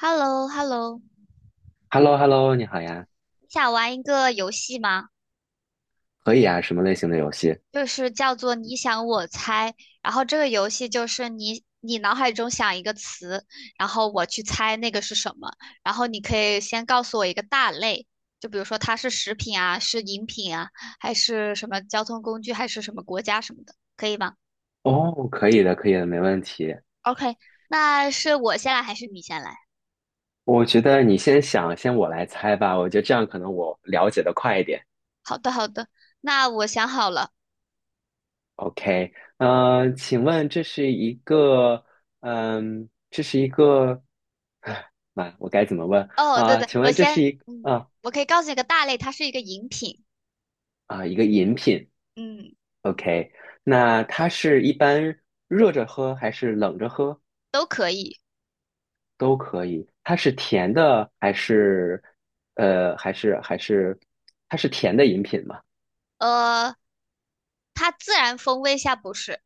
h e l l o h e l l o h e l l o h e l l o 你好呀，你想玩一个游戏吗？可以啊，什么类型的游戏？就是叫做你想我猜，然后这个游戏就是你脑海中想一个词，然后我去猜那个是什么，然后你可以先告诉我一个大类，就比如说它是食品啊，是饮品啊，还是什么交通工具，还是什么国家什么的，可以吗哦，可以的，可以的，没问题。？OK，那是我先来还是你先来？我觉得你先想，先我来猜吧，我觉得这样可能我了解的快一点。好的，好的，那我想好了。OK，请问这是一个，嗯，这是一个，唉妈，我该怎么问哦，对啊？对，请我问这是先，一啊我可以告诉你个大类，它是一个饮品，啊一个饮品嗯。？OK，那它是一般热着喝还是冷着喝？都可以。都可以。它是甜的还是呃还是还是它是甜的饮品嘛？呃，它自然风味下不是，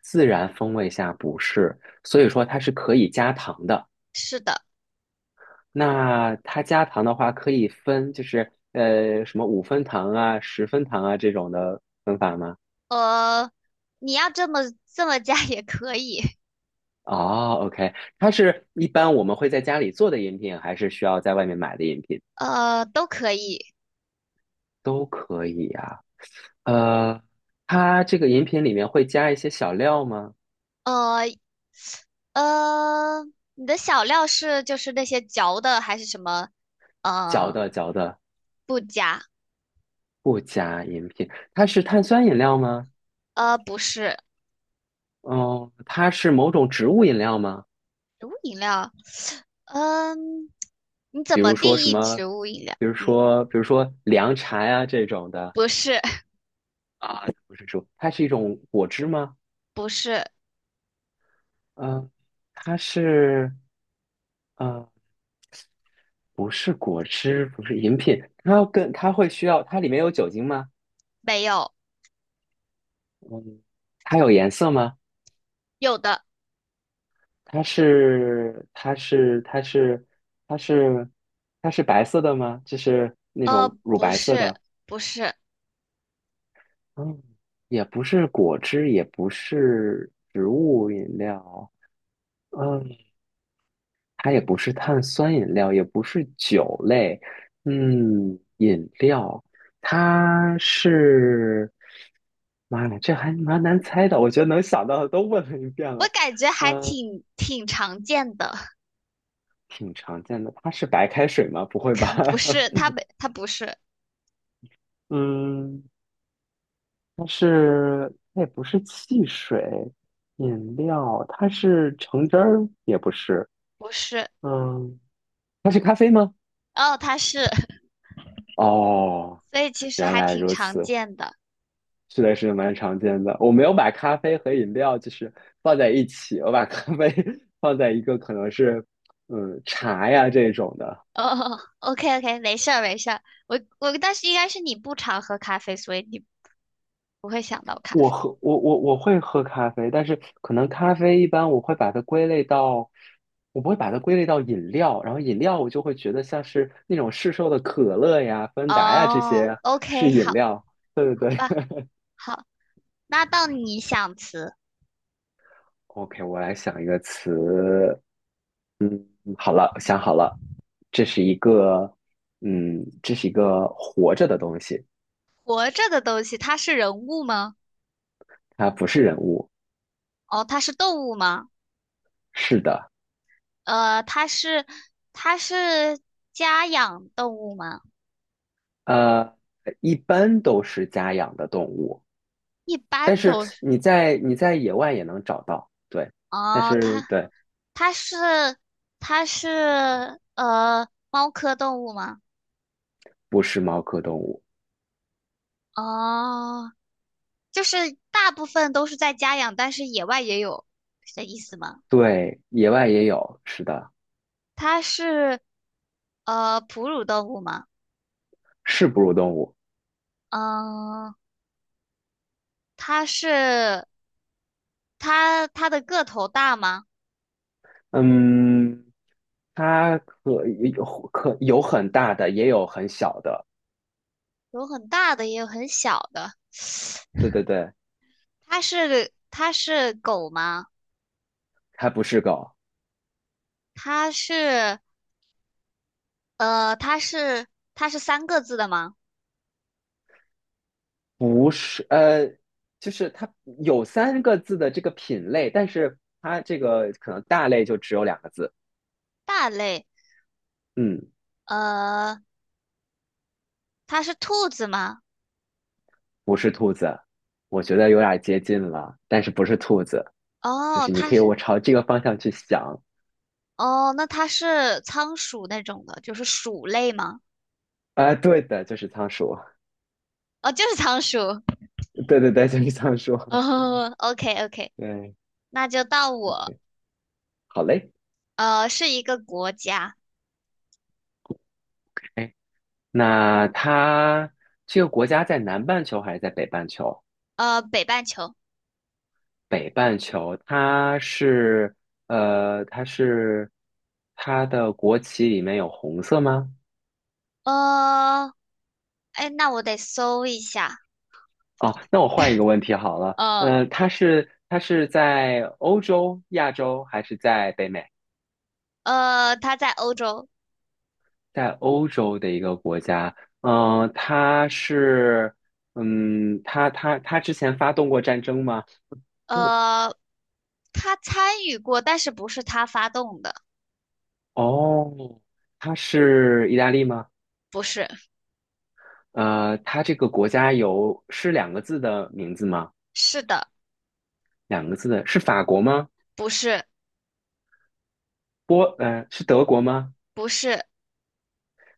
自然风味下不是，所以说它是可以加糖的。是的。那它加糖的话，可以分就是什么五分糖啊、十分糖啊这种的分法吗？呃，你要这么加 也可以，哦，OK，它是一般我们会在家里做的饮品，还是需要在外面买的饮品？都可以。都可以。呃，它这个饮品里面会加一些小料吗？呃呃，你的小料是就是那些嚼的还是什么？嚼嗯、的嚼的。不加。不加饮品，它是碳酸饮料吗？呃，不是嗯，它是某种植物饮料吗？植物饮料。嗯，你怎比么如定说什义么，植物饮料？比如嗯，说，比如说凉茶呀、这种的，不是，不是说它是一种果汁吗？不是，嗯，它是，呃，不是果汁，不是饮品，它要跟它会需要，它里面有酒精吗？没有，嗯，它有颜色吗？有的。它是，它是，它是，它是，它是白色的吗？就是那种乳不白色是，的。不是。嗯，也不是果汁，也不是植物饮料，嗯，它也不是碳酸饮料，也不是酒类，嗯，饮料，它是，妈呀，这还蛮难猜的，我觉得能想到的都问了一遍我了，感觉还嗯，挺常见的，挺常见的，它是白开水吗？不会吧？不是嗯，它是，它也不是汽水，饮料，它是橙汁儿，也不是。不是嗯，它是咖啡吗？哦，他是，哦，所以其实原还来挺如常此，见的。是的，是蛮常见的。我没有把咖啡和饮料就是放在一起，我把咖啡 放在一个可能是嗯茶呀这种的。哦，OK OK，没事儿没事儿，我但是应该是你不常喝咖啡，所以你不会想到咖我啡。喝我我我会喝咖啡，但是可能咖啡一般我会把它归类到，我不会把它归类到饮料，然后饮料我就会觉得像是那种市售的可乐呀、芬达呀这哦些，OK，是饮好料。对对吧，对。好，那到你想词，OK，我来想一个词。好了，想好了，这是一个，嗯，这是一个活着的东西，活着的东西，它是人物吗？它不是人物。哦，它是动物吗？是的，呃，它是它是家养动物吗？呃，一般都是家养的动物，一但般是都你在野外也能找到，对，但哦，是对，它是它是猫科动物吗？不是猫科动物，哦，就是大部分都是在家养，但是野外也有，是这意思吗？对，野外也有，是的，它是哺乳动物吗？是哺乳动物，嗯，它是它它的个头大吗？嗯，它可有可有很大的，也有很小的，有很大的，也有很小的。对对对，它是狗吗？它不是狗。它是呃它是它是三个字的吗？不是，呃，就是它有三个字的这个品类，但是它这个可能大类就只有两个字。大类。嗯，呃，它是兔子吗？不是兔子，我觉得有点接近了，但是不是兔子，就哦，是你它可以是我朝这个方向去想。哦，那它是仓鼠那种的，就是鼠类吗？啊、对的，就是仓鼠。哦，就是仓鼠。对对对，就是仓鼠。哦，OK OK，对，那就到我。好嘞。呃，是一个国家，哎，那它这个国家在南半球还是在北半球？北半球。北半球，它是它的国旗里面有红色吗？呃，哎，那我得搜一下。哦，那我换一个问题好了，呃它是在欧洲、亚洲还是在北美？它在欧洲。在欧洲的一个国家，嗯、呃它是嗯，它之前发动过战争吗？呃，它参与过，但是不是它发动的？哦，它是意大利吗？不是，呃，它这个国家有是两个字的名字吗？是的，两个字的，是法国吗？不是，是德国吗？不是，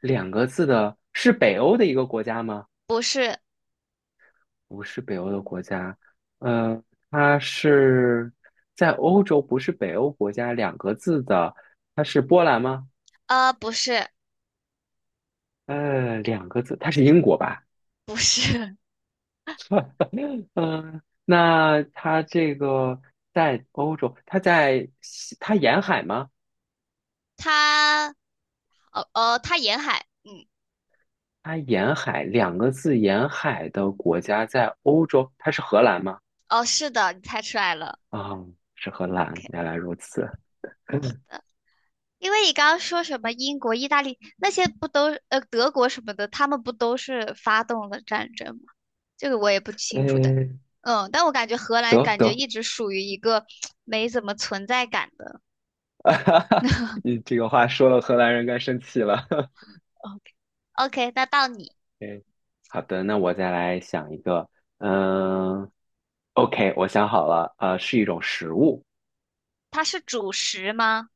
两个字的，是北欧的一个国家吗？不是，不是北欧的国家，呃，它是在欧洲，不是北欧国家。两个字的，它是波兰吗？呃，不是，呃，两个字，它是英国吧？不是。嗯，那它这个在欧洲，它在西它沿海吗？它哦哦，它沿海，嗯，它沿海两个字，沿海的国家在欧洲，它是荷兰吗？哦，是的，你猜出来了啊，是荷兰，，OK。原来如此。因为你刚刚说什么英国、意大利那些不都德国什么的，他们不都是发动了战争吗？这个我也不清楚的，嗯，嗯，但我感觉荷兰得感觉得，一直属于一个没怎么存在感的。你这个话说了，荷兰人该生气了。OK，OK，那到你，嗯，好的，那我再来想一个。嗯，OK，我想好了，呃，是一种食物，它是主食吗？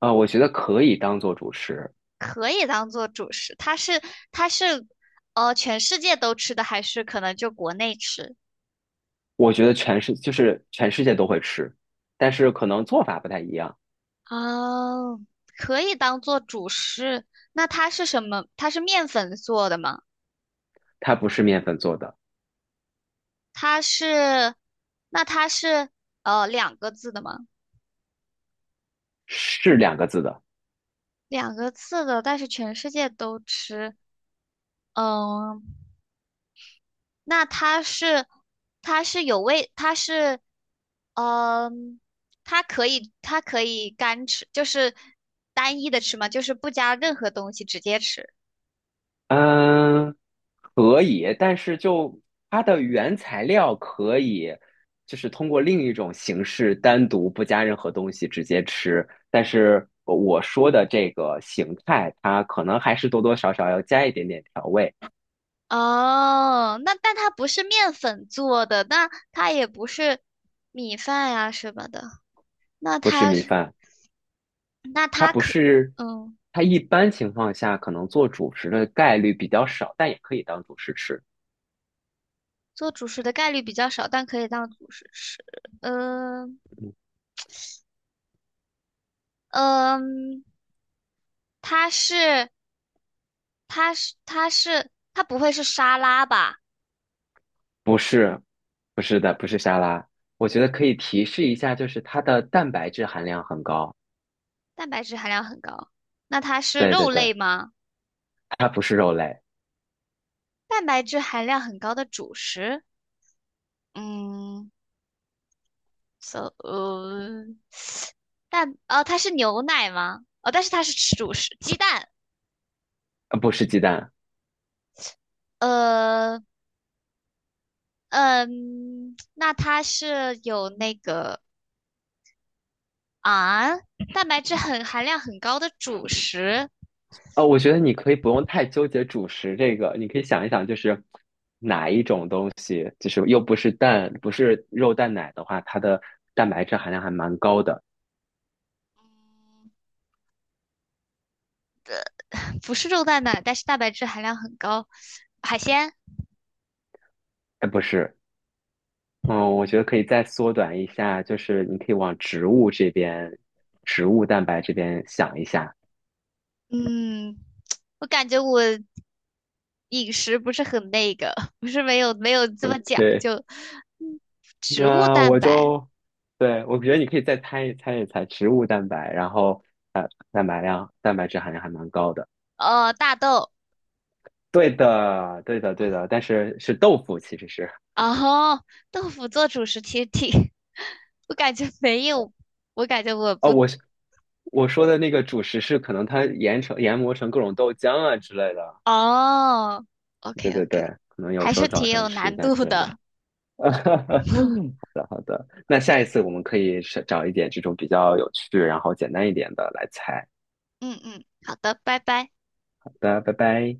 呃，我觉得可以当做主食，可以当做主食，它是全世界都吃的，还是可能就国内吃？我觉得全世界都会吃，但是可能做法不太一样。哦，可以当做主食。那它是什么？它是面粉做的吗？它不是面粉做的，它是，那它是两个字的吗？是两个字的。两个字的，但是全世界都吃。嗯，那它是，它是有味，它是，嗯，它可以，它可以干吃，就是单一的吃吗？就是不加任何东西直接吃。嗯，可以，但是就它的原材料可以，就是通过另一种形式单独不加任何东西直接吃，但是我说的这个形态，它可能还是多多少少要加一点点调味，哦，那但它不是面粉做的，那它也不是米饭呀什么的，那不是它米是饭，那它它不可是，嗯它一般情况下可能做主食的概率比较少，但也可以当主食吃，做主食的概率比较少，但可以当主食吃。嗯嗯，嗯，它是它不会是沙拉吧？不是，不是的，不是沙拉，我觉得可以提示一下，就是它的蛋白质含量很高。蛋白质含量很高，那它是对肉对对，类吗？它不是肉类，蛋白质含量很高的主食？嗯，so 呃但哦，它是牛奶吗？哦，但是它是主食鸡蛋。不是鸡蛋。呃，嗯，那它是有那个啊，蛋白质很含量很高的主食，哦，我觉得你可以不用太纠结主食这个，你可以想一想，就是哪一种东西，就是又不是蛋，不是肉蛋奶的话，它的蛋白质含量还蛮高的。不是肉蛋奶，但是蛋白质含量很高。海鲜，哎，不是，嗯，我觉得可以再缩短一下，就是你可以往植物这边，植物蛋白这边想一下。嗯，我感觉我饮食不是很那个，不是没有这么讲对，究。嗯植物那蛋我白，就，对，我觉得你可以再猜一猜植物蛋白，然后蛋白量、蛋白质含量还蛮高的。呃，大豆。对的，对的，对的，但是是豆腐，其实是哦，豆腐做主食其实挺，我感觉没有，我感觉我哦，不，我说的那个主食是可能它研成研磨成各种豆浆啊之类的，哦对，OK 对对，OK，可能有还时是候早挺上有吃一难下度之类的。的 那，OK 下一 OK，次我们可以是找一点这种比较有趣，然后简单一点的来猜。嗯嗯，好的，拜拜。好的，拜拜。